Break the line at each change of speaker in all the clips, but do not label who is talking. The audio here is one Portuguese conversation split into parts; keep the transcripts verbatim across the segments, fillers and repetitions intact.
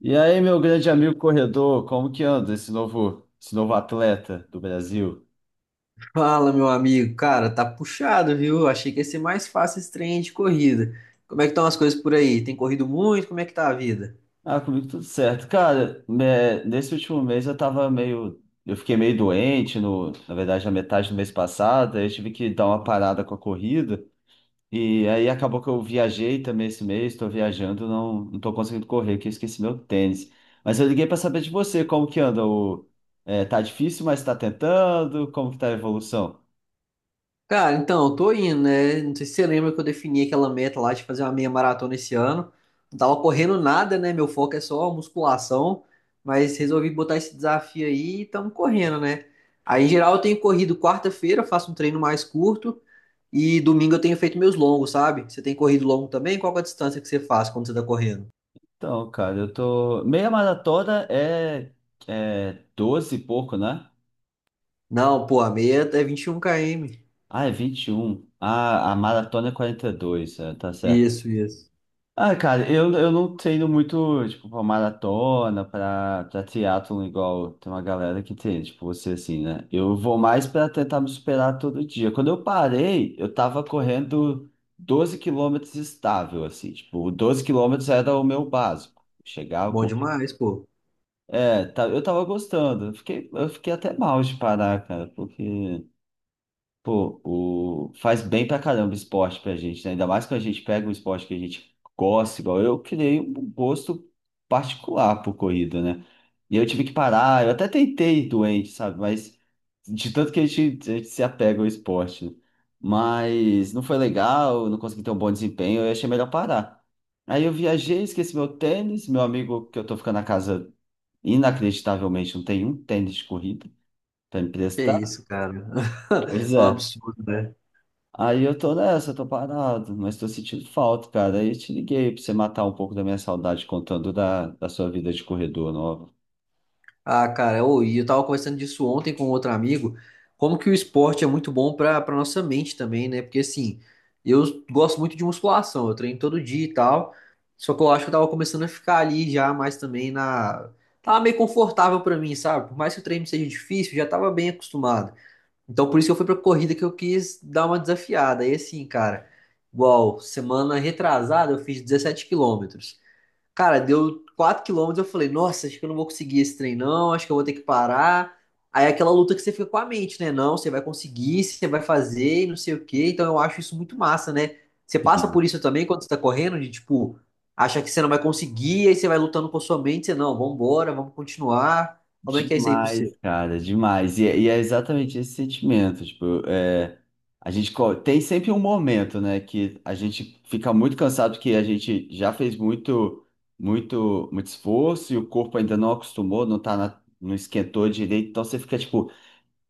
E aí, meu grande amigo corredor, como que anda esse novo, esse novo atleta do Brasil?
Fala, meu amigo. Cara, tá puxado, viu? Achei que ia ser mais fácil esse trem de corrida. Como é que estão as coisas por aí? Tem corrido muito? Como é que tá a vida?
Ah, comigo tudo certo. Cara, né, nesse último mês eu tava meio. Eu fiquei meio doente, no, na verdade, na metade do mês passado, aí eu tive que dar uma parada com a corrida. E aí acabou que eu viajei também esse mês, tô viajando, não, não tô conseguindo correr, que eu esqueci meu tênis. Mas eu liguei pra saber de você, como que anda o. É, tá difícil, mas tá tentando? Como que tá a evolução?
Cara, então, eu tô indo, né? Não sei se você lembra que eu defini aquela meta lá de fazer uma meia maratona esse ano. Não tava correndo nada, né? Meu foco é só musculação, mas resolvi botar esse desafio aí e estamos correndo, né? Aí, em geral, eu tenho corrido quarta-feira, faço um treino mais curto e domingo eu tenho feito meus longos, sabe? Você tem corrido longo também? Qual que é a distância que você faz quando você tá correndo?
Então, cara, eu tô. Meia maratona é, é doze e pouco, né?
Não, pô, a meia é vinte e um km.
Ah, é vinte e um. Ah, a maratona é quarenta e dois, é, tá certo.
Isso, isso.
Ah, cara, eu, eu não treino muito, tipo, pra maratona, pra, pra triatlon, igual tem uma galera que treina, tipo você assim, né? Eu vou mais pra tentar me superar todo dia. Quando eu parei, eu tava correndo doze quilômetros estável, assim, tipo, doze quilômetros era o meu básico. Chegava.
Bom demais, pô.
É, tá, eu tava gostando. Eu Fiquei, eu fiquei até mal de parar, cara, porque, pô, o, faz bem pra caramba o esporte pra gente, né? Ainda mais quando a gente pega um esporte que a gente gosta, igual eu, criei um gosto particular por corrida, né? E eu tive que parar, eu até tentei doente, sabe? Mas de tanto que a gente, a gente se apega ao esporte, né? Mas não foi legal, eu não consegui ter um bom desempenho, eu achei melhor parar. Aí eu viajei, esqueci meu tênis, meu amigo que eu tô ficando na casa. Inacreditavelmente, não tem um tênis de corrida pra
Que
emprestar.
isso, cara.
Pois
É um
é.
absurdo, né?
Aí eu tô nessa, eu tô parado, mas tô sentindo falta, cara. Aí eu te liguei pra você matar um pouco da minha saudade contando da, da sua vida de corredor nova.
Ah, cara, eu, e eu tava conversando disso ontem com outro amigo, como que o esporte é muito bom pra, pra nossa mente também, né? Porque, assim, eu gosto muito de musculação, eu treino todo dia e tal, só que eu acho que eu tava começando a ficar ali já mais também na... Tava meio confortável pra mim, sabe? Por mais que o treino seja difícil, eu já tava bem acostumado. Então, por isso que eu fui pra corrida que eu quis dar uma desafiada. E assim, cara, igual semana retrasada eu fiz dezessete quilômetros. Cara, deu quatro quilômetros, eu falei, nossa, acho que eu não vou conseguir esse trem, não, acho que eu vou ter que parar. Aí é aquela luta que você fica com a mente, né? Não, você vai conseguir, você vai fazer, e não sei o quê. Então eu acho isso muito massa, né? Você passa por isso também quando você tá correndo, de tipo, acha que você não vai conseguir, aí você vai lutando com a sua mente, você não, vambora, vamos continuar. Como é que é isso aí pra
Demais,
você?
cara, demais. E, é e é exatamente esse sentimento. Tipo, é, a gente co- tem sempre um momento, né, que a gente fica muito cansado porque a gente já fez muito, muito, muito esforço e o corpo ainda não acostumou, não tá na- não esquentou direito. Então você fica tipo,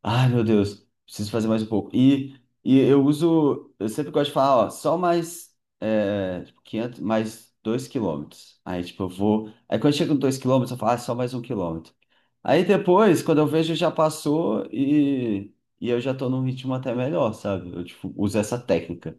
ai, meu Deus, preciso fazer mais um pouco. E, e eu uso, eu sempre gosto de falar, ó, só mais é, tipo, quinhentos, mais dois quilômetros. Aí, tipo, eu vou. Aí, quando chega no dois quilômetros, eu falo, ah, só mais um quilômetro. Aí, depois, quando eu vejo, já passou e, e eu já tô num ritmo até melhor, sabe? Eu, tipo, uso essa técnica.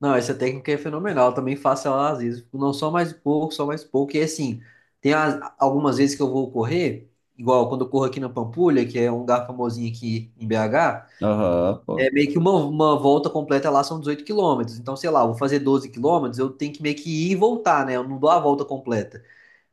Não, essa técnica é fenomenal. Eu também faço ela às vezes. Não só mais um pouco, só mais um pouco. E assim, tem as- algumas vezes que eu vou correr, igual quando eu corro aqui na Pampulha, que é um lugar famosinho aqui em B H,
Aham, pô.
é meio que uma, uma volta completa lá são dezoito quilômetros. Então, sei lá, eu vou fazer doze quilômetros, eu tenho que meio que ir e voltar, né? Eu não dou a volta completa.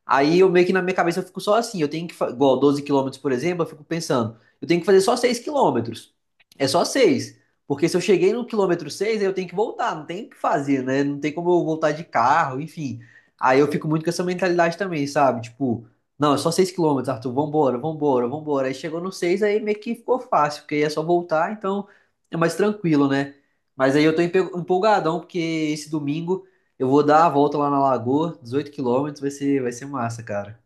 Aí eu meio que na minha cabeça eu fico só assim, eu tenho que, fa- igual doze quilômetros, por exemplo, eu fico pensando, eu tenho que fazer só seis quilômetros. É só seis porque se eu cheguei no quilômetro seis aí eu tenho que voltar, não tem o que fazer, né? Não tem como eu voltar de carro, enfim. Aí eu fico muito com essa mentalidade também, sabe? Tipo, não, é só seis quilômetros, Arthur, vambora, vambora, vambora. Aí chegou no seis aí meio que ficou fácil, porque aí é só voltar, então é mais tranquilo, né? Mas aí eu tô empe- empolgadão, porque esse domingo eu vou dar a volta lá na lagoa, dezoito quilômetros, vai ser, vai ser massa, cara.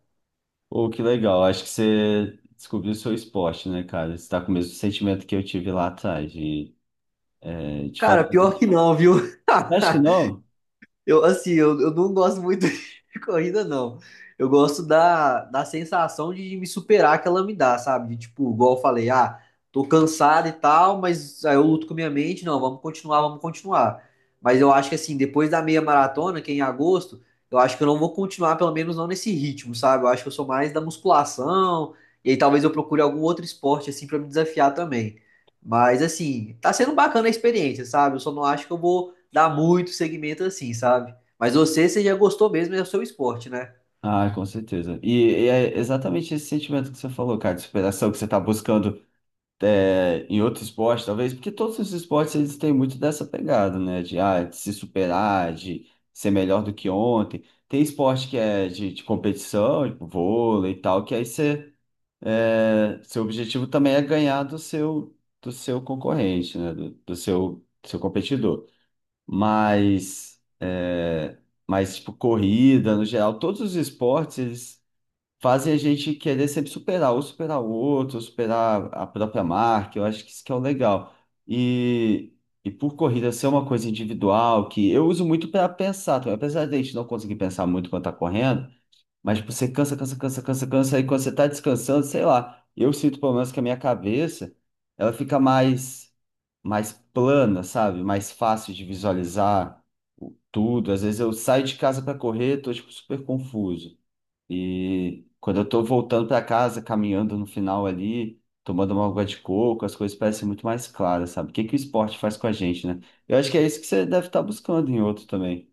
Pô, que legal. Acho que você descobriu o seu esporte, né, cara? Você tá com o mesmo sentimento que eu tive lá atrás, de, é, de
Cara,
fazer.
pior que não, viu?
Você acha que não?
Eu, assim, eu, eu não gosto muito de corrida, não. Eu gosto da, da sensação de me superar que ela me dá, sabe? De, tipo, igual eu falei, ah, tô cansado e tal, mas aí eu luto com a minha mente, não, vamos continuar, vamos continuar. Mas eu acho que, assim, depois da meia maratona, que é em agosto, eu acho que eu não vou continuar, pelo menos não nesse ritmo, sabe? Eu acho que eu sou mais da musculação, e aí talvez eu procure algum outro esporte, assim, pra me desafiar também. Mas, assim, tá sendo bacana a experiência, sabe? Eu só não acho que eu vou dá muito segmento assim, sabe? Mas você, você já gostou mesmo, é o seu esporte, né?
Ah, com certeza. E, e é exatamente esse sentimento que você falou, cara, de superação que você está buscando é, em outro esporte, talvez, porque todos os esportes eles têm muito dessa pegada, né? De, ah, de se superar, de ser melhor do que ontem. Tem esporte que é de, de competição, tipo vôlei e tal, que aí você, é, seu objetivo também é ganhar do seu, do seu, concorrente, né? Do, do seu, seu competidor. Mas, é, mas, tipo, corrida, no geral, todos os esportes, eles fazem a gente querer sempre superar, ou superar o outro, ou superar a própria marca. Eu acho que isso que é o legal. E, e por corrida ser uma coisa individual, que eu uso muito para pensar também. Apesar de a gente não conseguir pensar muito quando tá correndo, mas tipo, você cansa, cansa, cansa, cansa, cansa, e quando você tá descansando, sei lá, eu sinto pelo menos que a minha cabeça, ela fica mais, mais plana, sabe? Mais fácil de visualizar. o- Tudo, às vezes eu saio de casa para correr, tô tipo super confuso. E quando eu tô voltando para casa, caminhando no final ali, tomando uma água de coco, as coisas parecem muito mais claras, sabe? O que que o esporte faz com a gente, né? Eu acho que é isso que você deve estar buscando em outro também.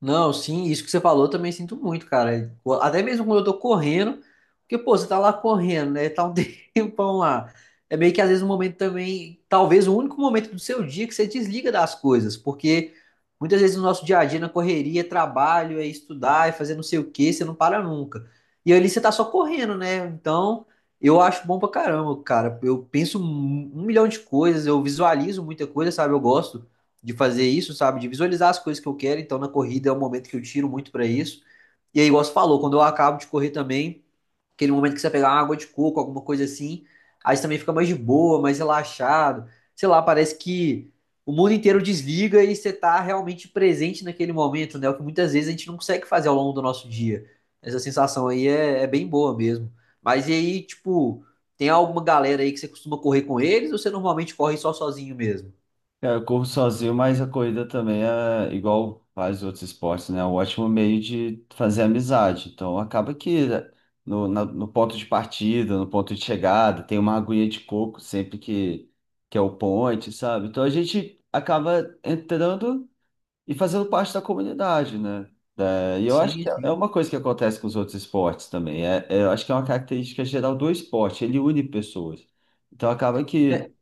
Não, sim, isso que você falou eu também sinto muito, cara. Até mesmo quando eu tô correndo, porque, pô, você tá lá correndo, né? Tá um tempão lá. É meio que às vezes um momento também, talvez o único momento do seu dia que você desliga das coisas, porque muitas vezes no nosso dia a dia, na correria, é trabalho, é estudar, é fazer não sei o quê, você não para nunca. E ali você tá só correndo, né? Então, eu acho bom pra caramba, cara. Eu penso um um milhão de coisas, eu visualizo muita coisa, sabe? Eu gosto de fazer isso, sabe? De visualizar as coisas que eu quero. Então, na corrida é um momento que eu tiro muito para isso. E aí, igual você falou, quando eu acabo de correr também, aquele momento que você pegar uma água de coco, alguma coisa assim, aí você também fica mais de boa, mais relaxado. Sei lá, parece que o mundo inteiro desliga e você tá realmente presente naquele momento, né? É o que muitas vezes a gente não consegue fazer ao longo do nosso dia. Essa sensação aí é, é bem boa mesmo. Mas e aí, tipo, tem alguma galera aí que você costuma correr com eles ou você normalmente corre só sozinho mesmo?
Cara, eu corro sozinho, mas a corrida também é igual vários outros esportes, né? É um ótimo meio de fazer amizade. Então acaba que né, no, na- no ponto de partida, no ponto de chegada, tem uma aguinha de coco sempre que, que é o point, sabe? Então a gente acaba entrando e fazendo parte da comunidade, né? É, e eu acho
Sim,
que é
sim.
uma coisa que acontece com os outros esportes também. É, é, eu acho que é uma característica geral do esporte, ele une pessoas. Então acaba que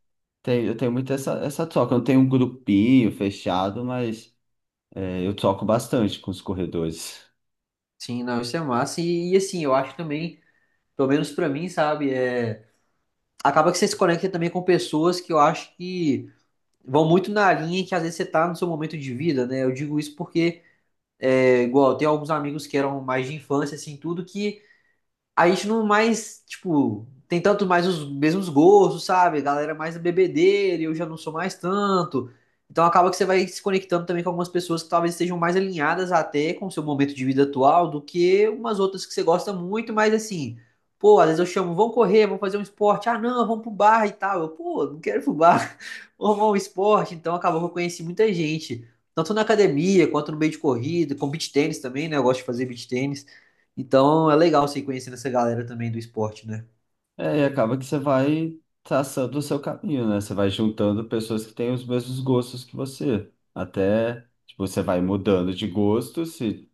tem, eu tenho muito essa, essa troca. Eu não tenho um grupinho fechado, mas é, eu troco bastante com os corredores.
Sim, não, isso é massa. E, e, assim, eu acho também, pelo menos pra mim, sabe, é... acaba que você se conecta também com pessoas que eu acho que vão muito na linha que às vezes você tá no seu momento de vida, né? Eu digo isso porque, é, igual, tem alguns amigos que eram mais de infância, assim, tudo, que a gente não mais, tipo, tem tanto mais os mesmos gostos, sabe? A galera mais é bebedeira, e eu já não sou mais tanto. Então acaba que você vai se conectando também com algumas pessoas que talvez estejam mais alinhadas até com o seu momento de vida atual do que umas outras que você gosta muito, mas assim, pô, às vezes eu chamo, vamos correr, vamos fazer um esporte. Ah, não, vamos pro bar e tal. Eu, pô, não quero ir pro bar, vamos arrumar um esporte. Então acabou que eu conheci muita gente, tanto na academia quanto no meio de corrida, com beach tênis também, né? Eu gosto de fazer beach tênis. Então é legal você ir conhecendo essa galera também do esporte, né?
É, e acaba que você vai traçando o seu caminho, né? Você vai juntando pessoas que têm os mesmos gostos que você. Até, tipo, você vai mudando de gosto, se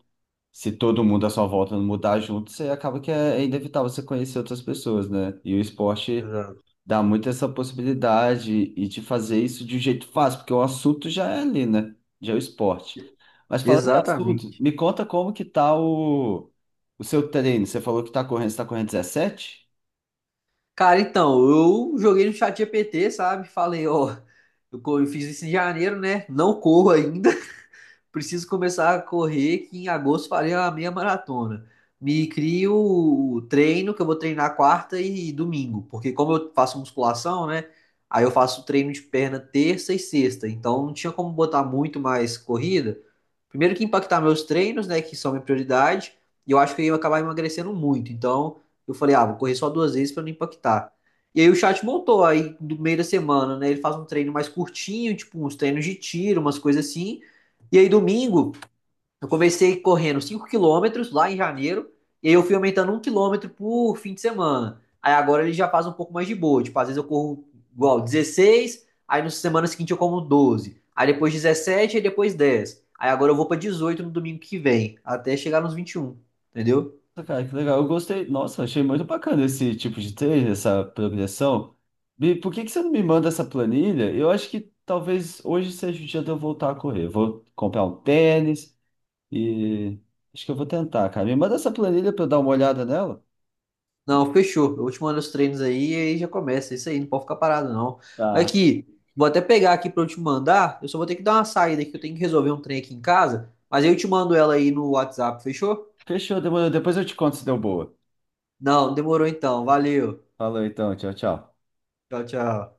se todo mundo à sua volta não mudar junto, você acaba que é é inevitável você conhecer outras pessoas, né? E o esporte
Exato.
dá muito essa possibilidade e de fazer isso de um jeito fácil, porque o assunto já é ali, né? Já é o esporte. Mas falando em assunto,
Exatamente.
me conta como que tá o, o seu treino. Você falou que tá correndo, você tá correndo dezessete?
Cara, então, eu joguei no chat G P T, sabe? Falei, ó, eu co- eu fiz isso em janeiro, né? Não corro ainda. Preciso começar a correr, que em agosto farei a meia maratona. Me crio o treino, que eu vou treinar quarta e domingo. Porque como eu faço musculação, né? Aí eu faço treino de perna terça e sexta. Então não tinha como botar muito mais corrida. Primeiro que impactar meus treinos, né, que são minha prioridade, e eu acho que eu ia acabar emagrecendo muito. Então, eu falei, ah, vou correr só duas vezes para não impactar. E aí o chat montou aí do meio da semana, né? Ele faz um treino mais curtinho, tipo uns treinos de tiro, umas coisas assim. E aí domingo eu comecei correndo cinco quilômetros lá em janeiro, e aí eu fui aumentando um quilômetro por fim de semana. Aí agora ele já faz um pouco mais de boa. Tipo, às vezes eu corro igual dezesseis. Aí na semana seguinte eu como doze. Aí depois dezessete, aí depois dez. Aí agora eu vou para dezoito no domingo que vem, até chegar nos vinte e um, entendeu?
Nossa, cara, que legal. Eu gostei. Nossa, achei muito bacana esse tipo de treino, essa progressão. E por que que você não me manda essa planilha? Eu acho que talvez hoje seja o dia de eu voltar a correr. Eu vou comprar um tênis e acho que eu vou tentar, cara. Me manda essa planilha para eu dar uma olhada nela.
Não, fechou. Eu te mando os treinos aí e aí já começa. Isso aí, não pode ficar parado, não. Mas
Tá.
aqui, vou até pegar aqui para eu te mandar. Eu só vou ter que dar uma saída aqui, eu tenho que resolver um trem aqui em casa. Mas aí eu te mando ela aí no WhatsApp, fechou?
Fechou, demorou. Depois eu te conto se deu boa.
Não, demorou então. Valeu.
Falou então, tchau, tchau.
Tchau, tchau.